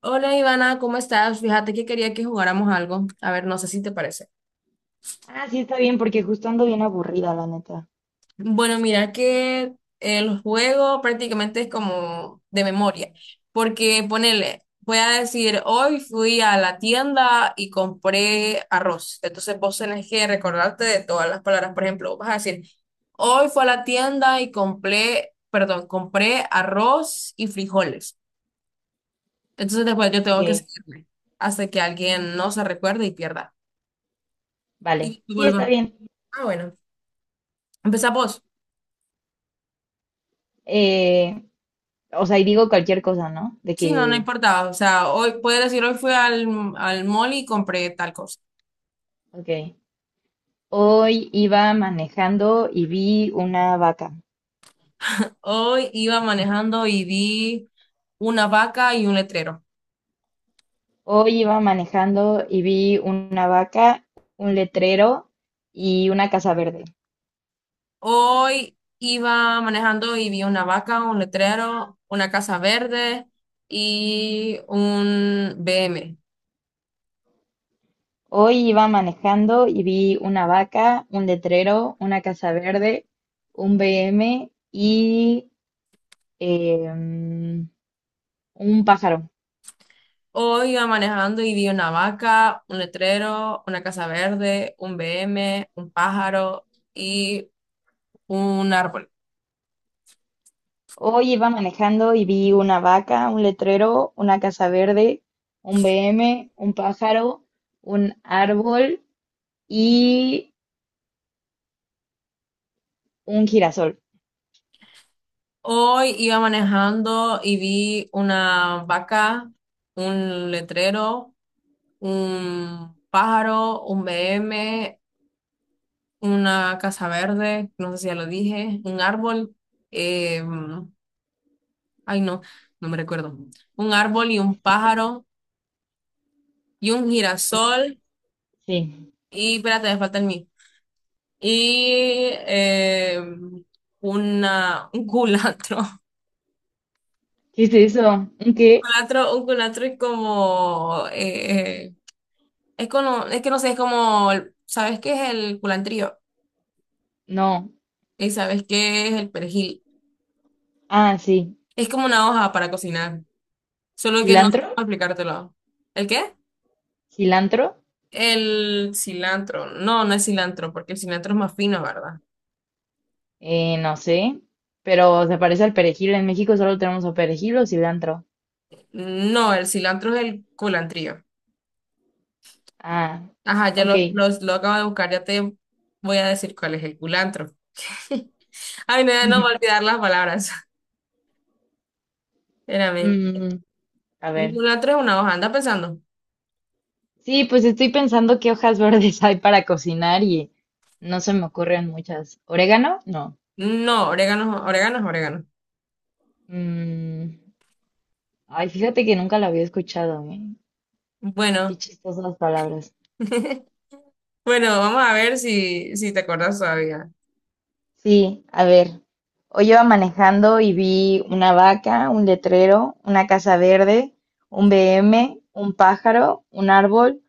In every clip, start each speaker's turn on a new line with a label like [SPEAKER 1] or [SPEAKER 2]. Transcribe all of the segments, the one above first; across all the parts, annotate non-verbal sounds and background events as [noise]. [SPEAKER 1] Hola Ivana, ¿cómo estás? Fíjate que quería que jugáramos algo. A ver, no sé si te parece.
[SPEAKER 2] Ah, sí, está bien, porque justo ando bien aburrida, la neta.
[SPEAKER 1] Bueno, mira que el juego prácticamente es como de memoria, porque ponele, voy a decir, hoy fui a la tienda y compré arroz. Entonces vos tenés que recordarte de todas las palabras. Por ejemplo, vas a decir, hoy fui a la tienda y compré, perdón, compré arroz y frijoles. Entonces después yo
[SPEAKER 2] Ok,
[SPEAKER 1] tengo que seguirme hasta que alguien no se recuerde y pierda.
[SPEAKER 2] vale.
[SPEAKER 1] Y
[SPEAKER 2] Sí, está
[SPEAKER 1] vuelva.
[SPEAKER 2] bien.
[SPEAKER 1] Ah, bueno, empezá vos.
[SPEAKER 2] Eh, o sea, y digo cualquier cosa, ¿no?
[SPEAKER 1] Sí, no, no importaba. O sea, hoy, puedes decir, hoy fui al, al mall y compré tal cosa.
[SPEAKER 2] Ok. Hoy iba manejando y vi una vaca.
[SPEAKER 1] Hoy iba manejando y vi una vaca y un letrero.
[SPEAKER 2] Hoy iba manejando y vi una vaca, un letrero y una casa verde.
[SPEAKER 1] Hoy iba manejando y vi una vaca, un letrero, una casa verde y un B M.
[SPEAKER 2] Hoy iba manejando y vi una vaca, un letrero, una casa verde, un BM y em, un pájaro.
[SPEAKER 1] Hoy iba manejando y vi una vaca, un letrero, una casa verde, un B M, un pájaro y un árbol.
[SPEAKER 2] Hoy iba manejando y vi una vaca, un letrero, una casa verde, un BM, un pájaro, un árbol y un girasol.
[SPEAKER 1] Hoy iba manejando y vi una vaca, un letrero, un pájaro, un BM, una casa verde, no sé si ya lo dije, un árbol, eh, ay no, no me recuerdo, un árbol y un pájaro y un girasol
[SPEAKER 2] Sí.
[SPEAKER 1] y espérate, me falta el mí. Y una, un culantro, [laughs]
[SPEAKER 2] ¿Qué es eso? ¿Un qué?
[SPEAKER 1] un culantro y como... Es como, es que no sé, es como, ¿sabes qué es el culantrío?
[SPEAKER 2] No.
[SPEAKER 1] ¿Y sabes qué es el perejil?
[SPEAKER 2] Ah, sí.
[SPEAKER 1] Es como una hoja para cocinar, solo que no sé
[SPEAKER 2] ¿Cilantro?
[SPEAKER 1] cómo explicártelo. ¿El qué?
[SPEAKER 2] ¿Cilantro?
[SPEAKER 1] El cilantro. No, no es cilantro, porque el cilantro es más fino, ¿verdad?
[SPEAKER 2] No sé. Pero se parece al perejil. En México solo tenemos o perejil o cilantro.
[SPEAKER 1] No, el cilantro es el culantrío.
[SPEAKER 2] Ah,
[SPEAKER 1] Ajá,
[SPEAKER 2] ok.
[SPEAKER 1] lo acabo de buscar, ya te voy a decir cuál es el culantro. [laughs] Ay, no, no voy a
[SPEAKER 2] [laughs]
[SPEAKER 1] olvidar las palabras. [laughs] Espérame.
[SPEAKER 2] Mm, a
[SPEAKER 1] El
[SPEAKER 2] ver.
[SPEAKER 1] culantro es una hoja, anda pensando.
[SPEAKER 2] Sí, pues estoy pensando qué hojas [laughs] verdes hay para cocinar y no se me ocurren muchas. ¿Orégano? No.
[SPEAKER 1] No, orégano, orégano es orégano.
[SPEAKER 2] Mm, ay, fíjate que nunca la había escuchado, ¿eh? Qué
[SPEAKER 1] Bueno.
[SPEAKER 2] chistosas palabras.
[SPEAKER 1] [laughs] Bueno, vamos a ver si te acuerdas todavía.
[SPEAKER 2] Sí, a ver. Hoy iba manejando y vi una vaca, un letrero, una casa verde, un BM, un pájaro, un árbol,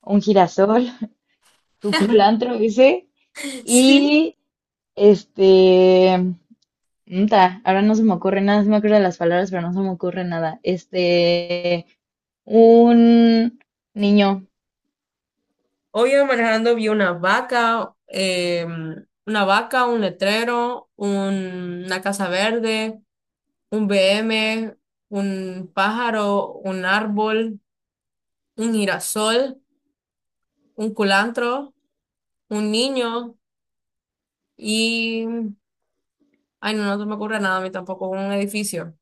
[SPEAKER 2] un girasol, [laughs] tu culantro ese,
[SPEAKER 1] [laughs] Sí.
[SPEAKER 2] y este, ahora no se me ocurre nada, sí me acuerdo de las palabras, pero no se me ocurre nada. Un niño,
[SPEAKER 1] Hoy iba manejando vi una vaca, un letrero, una casa verde, un BM, un pájaro, un árbol, un girasol, un culantro, un niño y... Ay, no, no se me ocurre nada a mí tampoco, un edificio.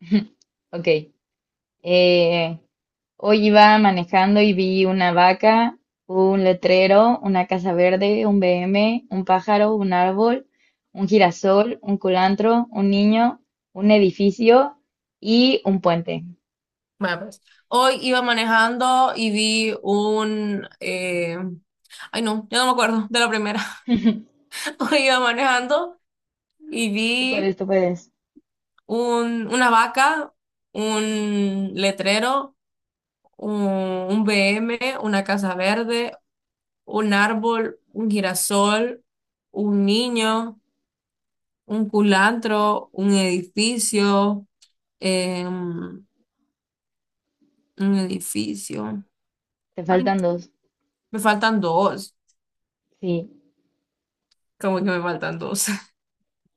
[SPEAKER 2] [laughs] ok, eh, hoy iba manejando y vi una vaca, un letrero, una casa verde, un BM, un pájaro, un árbol, un girasol, un culantro, un niño, un edificio y un puente.
[SPEAKER 1] Bueno, pues, hoy iba manejando y vi un... Ay, no, ya no me acuerdo de la primera. [laughs] Iba manejando y
[SPEAKER 2] Tú
[SPEAKER 1] vi
[SPEAKER 2] puedes, tú puedes.
[SPEAKER 1] un, una vaca, un letrero, un, un BM, una casa verde, un árbol, un girasol, un niño, un culantro, un edificio, un edificio.
[SPEAKER 2] Te
[SPEAKER 1] Ay,
[SPEAKER 2] faltan dos.
[SPEAKER 1] me faltan dos.
[SPEAKER 2] Sí,
[SPEAKER 1] Como que me faltan dos. [laughs]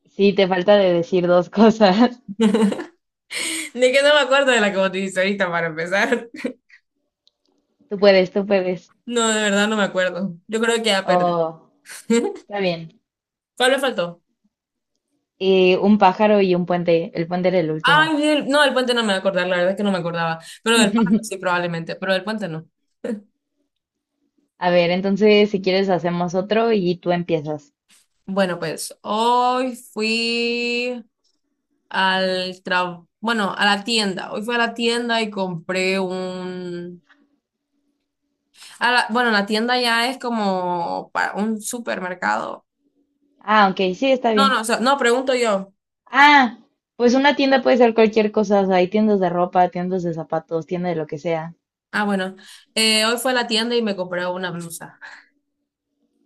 [SPEAKER 2] sí, te falta de decir dos cosas.
[SPEAKER 1] De que no me acuerdo de la que vos dijiste ahorita para empezar. [laughs]
[SPEAKER 2] [laughs] Tú puedes, tú puedes.
[SPEAKER 1] No, de verdad no me acuerdo. Yo creo que ya perdí.
[SPEAKER 2] Oh,
[SPEAKER 1] [laughs]
[SPEAKER 2] está bien.
[SPEAKER 1] ¿Cuál me faltó?
[SPEAKER 2] Y un pájaro y un puente. El puente era el último.
[SPEAKER 1] Ay, no, del puente no me voy a acordar, la verdad es que no me acordaba. Pero del pájaro sí,
[SPEAKER 2] [laughs]
[SPEAKER 1] probablemente, pero del puente no.
[SPEAKER 2] A ver, entonces si quieres hacemos otro y tú empiezas.
[SPEAKER 1] Bueno, pues hoy fui al trabajo, bueno, a la tienda. Hoy fui a la tienda y compré un... bueno, la tienda ya es como para un supermercado.
[SPEAKER 2] Ah, ok, sí, está
[SPEAKER 1] No, no, o
[SPEAKER 2] bien.
[SPEAKER 1] sea, no, pregunto yo.
[SPEAKER 2] Ah, pues una tienda puede ser cualquier cosa. O sea, hay tiendas de ropa, tiendas de zapatos, tienda de lo que sea.
[SPEAKER 1] Ah, bueno, hoy fue a la tienda y me compré una blusa.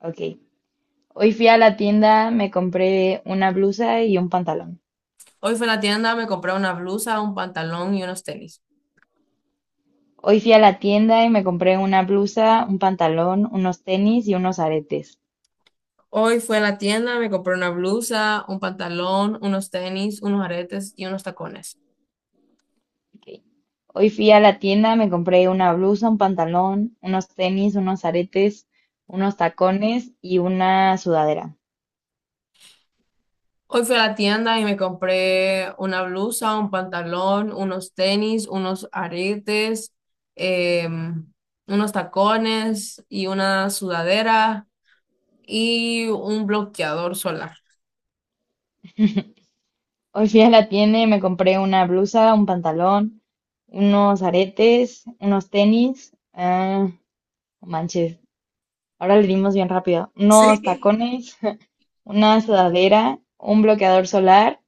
[SPEAKER 2] Ok. Hoy fui a la tienda, me compré una blusa y un pantalón.
[SPEAKER 1] Hoy fue a la tienda, me compré una blusa, un pantalón y unos tenis.
[SPEAKER 2] Hoy fui a la tienda y me compré una blusa, un pantalón, unos tenis y unos aretes.
[SPEAKER 1] Hoy fui a la tienda, me compré una blusa, un pantalón, unos tenis, unos aretes y unos tacones.
[SPEAKER 2] Ok. Hoy fui a la tienda, me compré una blusa, un pantalón, unos tenis, unos aretes, unos tacones y una sudadera.
[SPEAKER 1] Hoy fui a la tienda y me compré una blusa, un pantalón, unos tenis, unos aretes, em, unos tacones y una sudadera y un bloqueador solar. [laughs]
[SPEAKER 2] Hoy fui a la tienda y me compré una blusa, un pantalón, unos aretes, unos tenis. Ah, no manches, ahora le dimos bien rápido. Unos
[SPEAKER 1] Sí.
[SPEAKER 2] tacones, [laughs] una sudadera, un bloqueador solar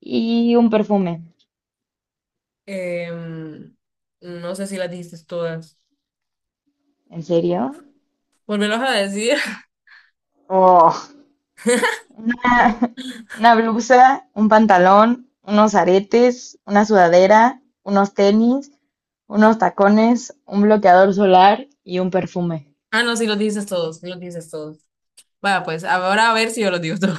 [SPEAKER 2] y un perfume.
[SPEAKER 1] Em, no sé si las dijiste todas.
[SPEAKER 2] ¿En serio?
[SPEAKER 1] Volvelos a decir. [laughs]
[SPEAKER 2] Una, [laughs] una blusa, un pantalón, unos aretes, una sudadera, unos tenis, unos tacones, un bloqueador solar y un perfume.
[SPEAKER 1] Ah, no, sí los dijiste todos, sí los dijiste todos. Vaya, pues ahora a ver si yo los digo todos.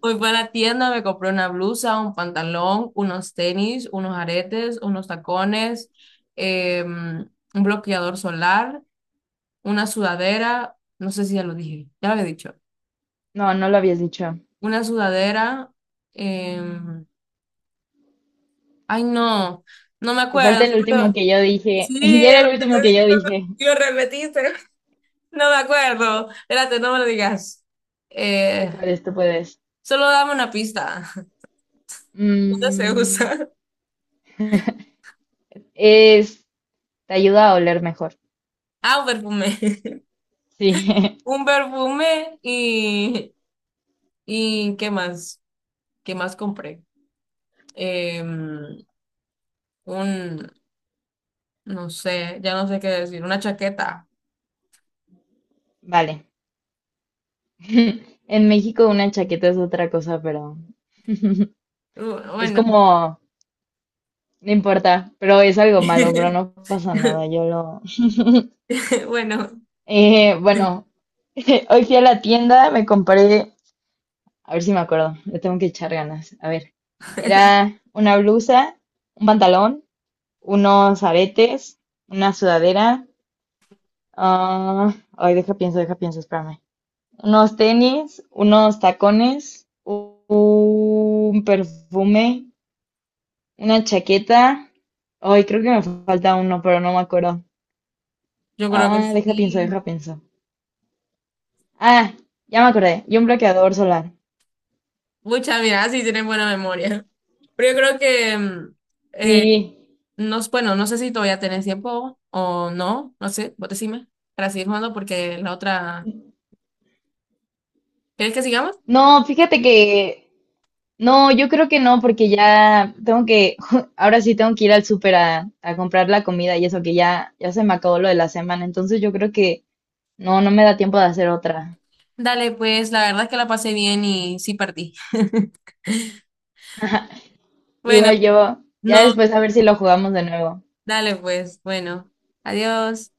[SPEAKER 1] Hoy fui a la tienda, me compré una blusa, un pantalón, unos tenis, unos aretes, unos tacones, un bloqueador solar, una sudadera, no sé si ya lo dije, ya lo había dicho,
[SPEAKER 2] No, no lo habías dicho.
[SPEAKER 1] una sudadera, eh, ay no, no me
[SPEAKER 2] Te falta
[SPEAKER 1] acuerdo,
[SPEAKER 2] el último que yo dije.
[SPEAKER 1] sí,
[SPEAKER 2] [laughs] Ya
[SPEAKER 1] es
[SPEAKER 2] era
[SPEAKER 1] lo
[SPEAKER 2] el
[SPEAKER 1] que
[SPEAKER 2] último que
[SPEAKER 1] te
[SPEAKER 2] yo
[SPEAKER 1] digo,
[SPEAKER 2] dije.
[SPEAKER 1] lo repetiste, [laughs] no me acuerdo, espérate, no me lo digas,
[SPEAKER 2] Tú
[SPEAKER 1] Eh,
[SPEAKER 2] puedes, tú puedes.
[SPEAKER 1] solo dame una pista, [laughs] ¿dónde se
[SPEAKER 2] Mm,
[SPEAKER 1] usa? [laughs]
[SPEAKER 2] es, te ayuda a oler mejor.
[SPEAKER 1] Ah, un perfume.
[SPEAKER 2] Sí,
[SPEAKER 1] Un
[SPEAKER 2] [laughs]
[SPEAKER 1] perfume y ¿qué más? ¿Qué más compré? Em, un, no sé, ya no sé qué decir, una chaqueta.
[SPEAKER 2] vale. [laughs] En México una chaqueta es otra cosa, pero [laughs] es
[SPEAKER 1] Bueno,
[SPEAKER 2] como. No importa, pero es algo malo, pero
[SPEAKER 1] [laughs]
[SPEAKER 2] no pasa nada, yo lo... [laughs]
[SPEAKER 1] bueno,
[SPEAKER 2] Bueno, [laughs] hoy fui a la tienda, me compré, a ver si me acuerdo, le tengo que echar ganas, a ver, era una blusa, un pantalón, unos aretes, una sudadera, ah, ay, deja pienso, espérame, unos tenis, unos tacones, un perfume, una chaqueta, ay, creo que me falta uno, pero no me acuerdo.
[SPEAKER 1] yo creo que
[SPEAKER 2] Ah, deja pienso,
[SPEAKER 1] sí.
[SPEAKER 2] deja pienso. Ah, ya me acordé. Y un bloqueador solar.
[SPEAKER 1] Muchas, mira, sí tienen buena memoria. Pero yo creo que,
[SPEAKER 2] Sí.
[SPEAKER 1] eh, no, bueno, no sé si todavía tenés tiempo o no, no sé, vos decime, para seguir jugando porque la otra, ¿querés que sigamos?
[SPEAKER 2] No, fíjate que. No, yo creo que no, porque ya tengo que. [laughs] Ahora sí tengo que ir al súper a comprar la comida y eso, que ya, ya se me acabó lo de la semana. Entonces yo creo que no, no me da tiempo de hacer otra.
[SPEAKER 1] Dale, pues la verdad es que la pasé bien y sí partí. Bueno,
[SPEAKER 2] Igual yo. Ya
[SPEAKER 1] no.
[SPEAKER 2] después a ver si lo jugamos de nuevo.
[SPEAKER 1] Dale pues, bueno, adiós.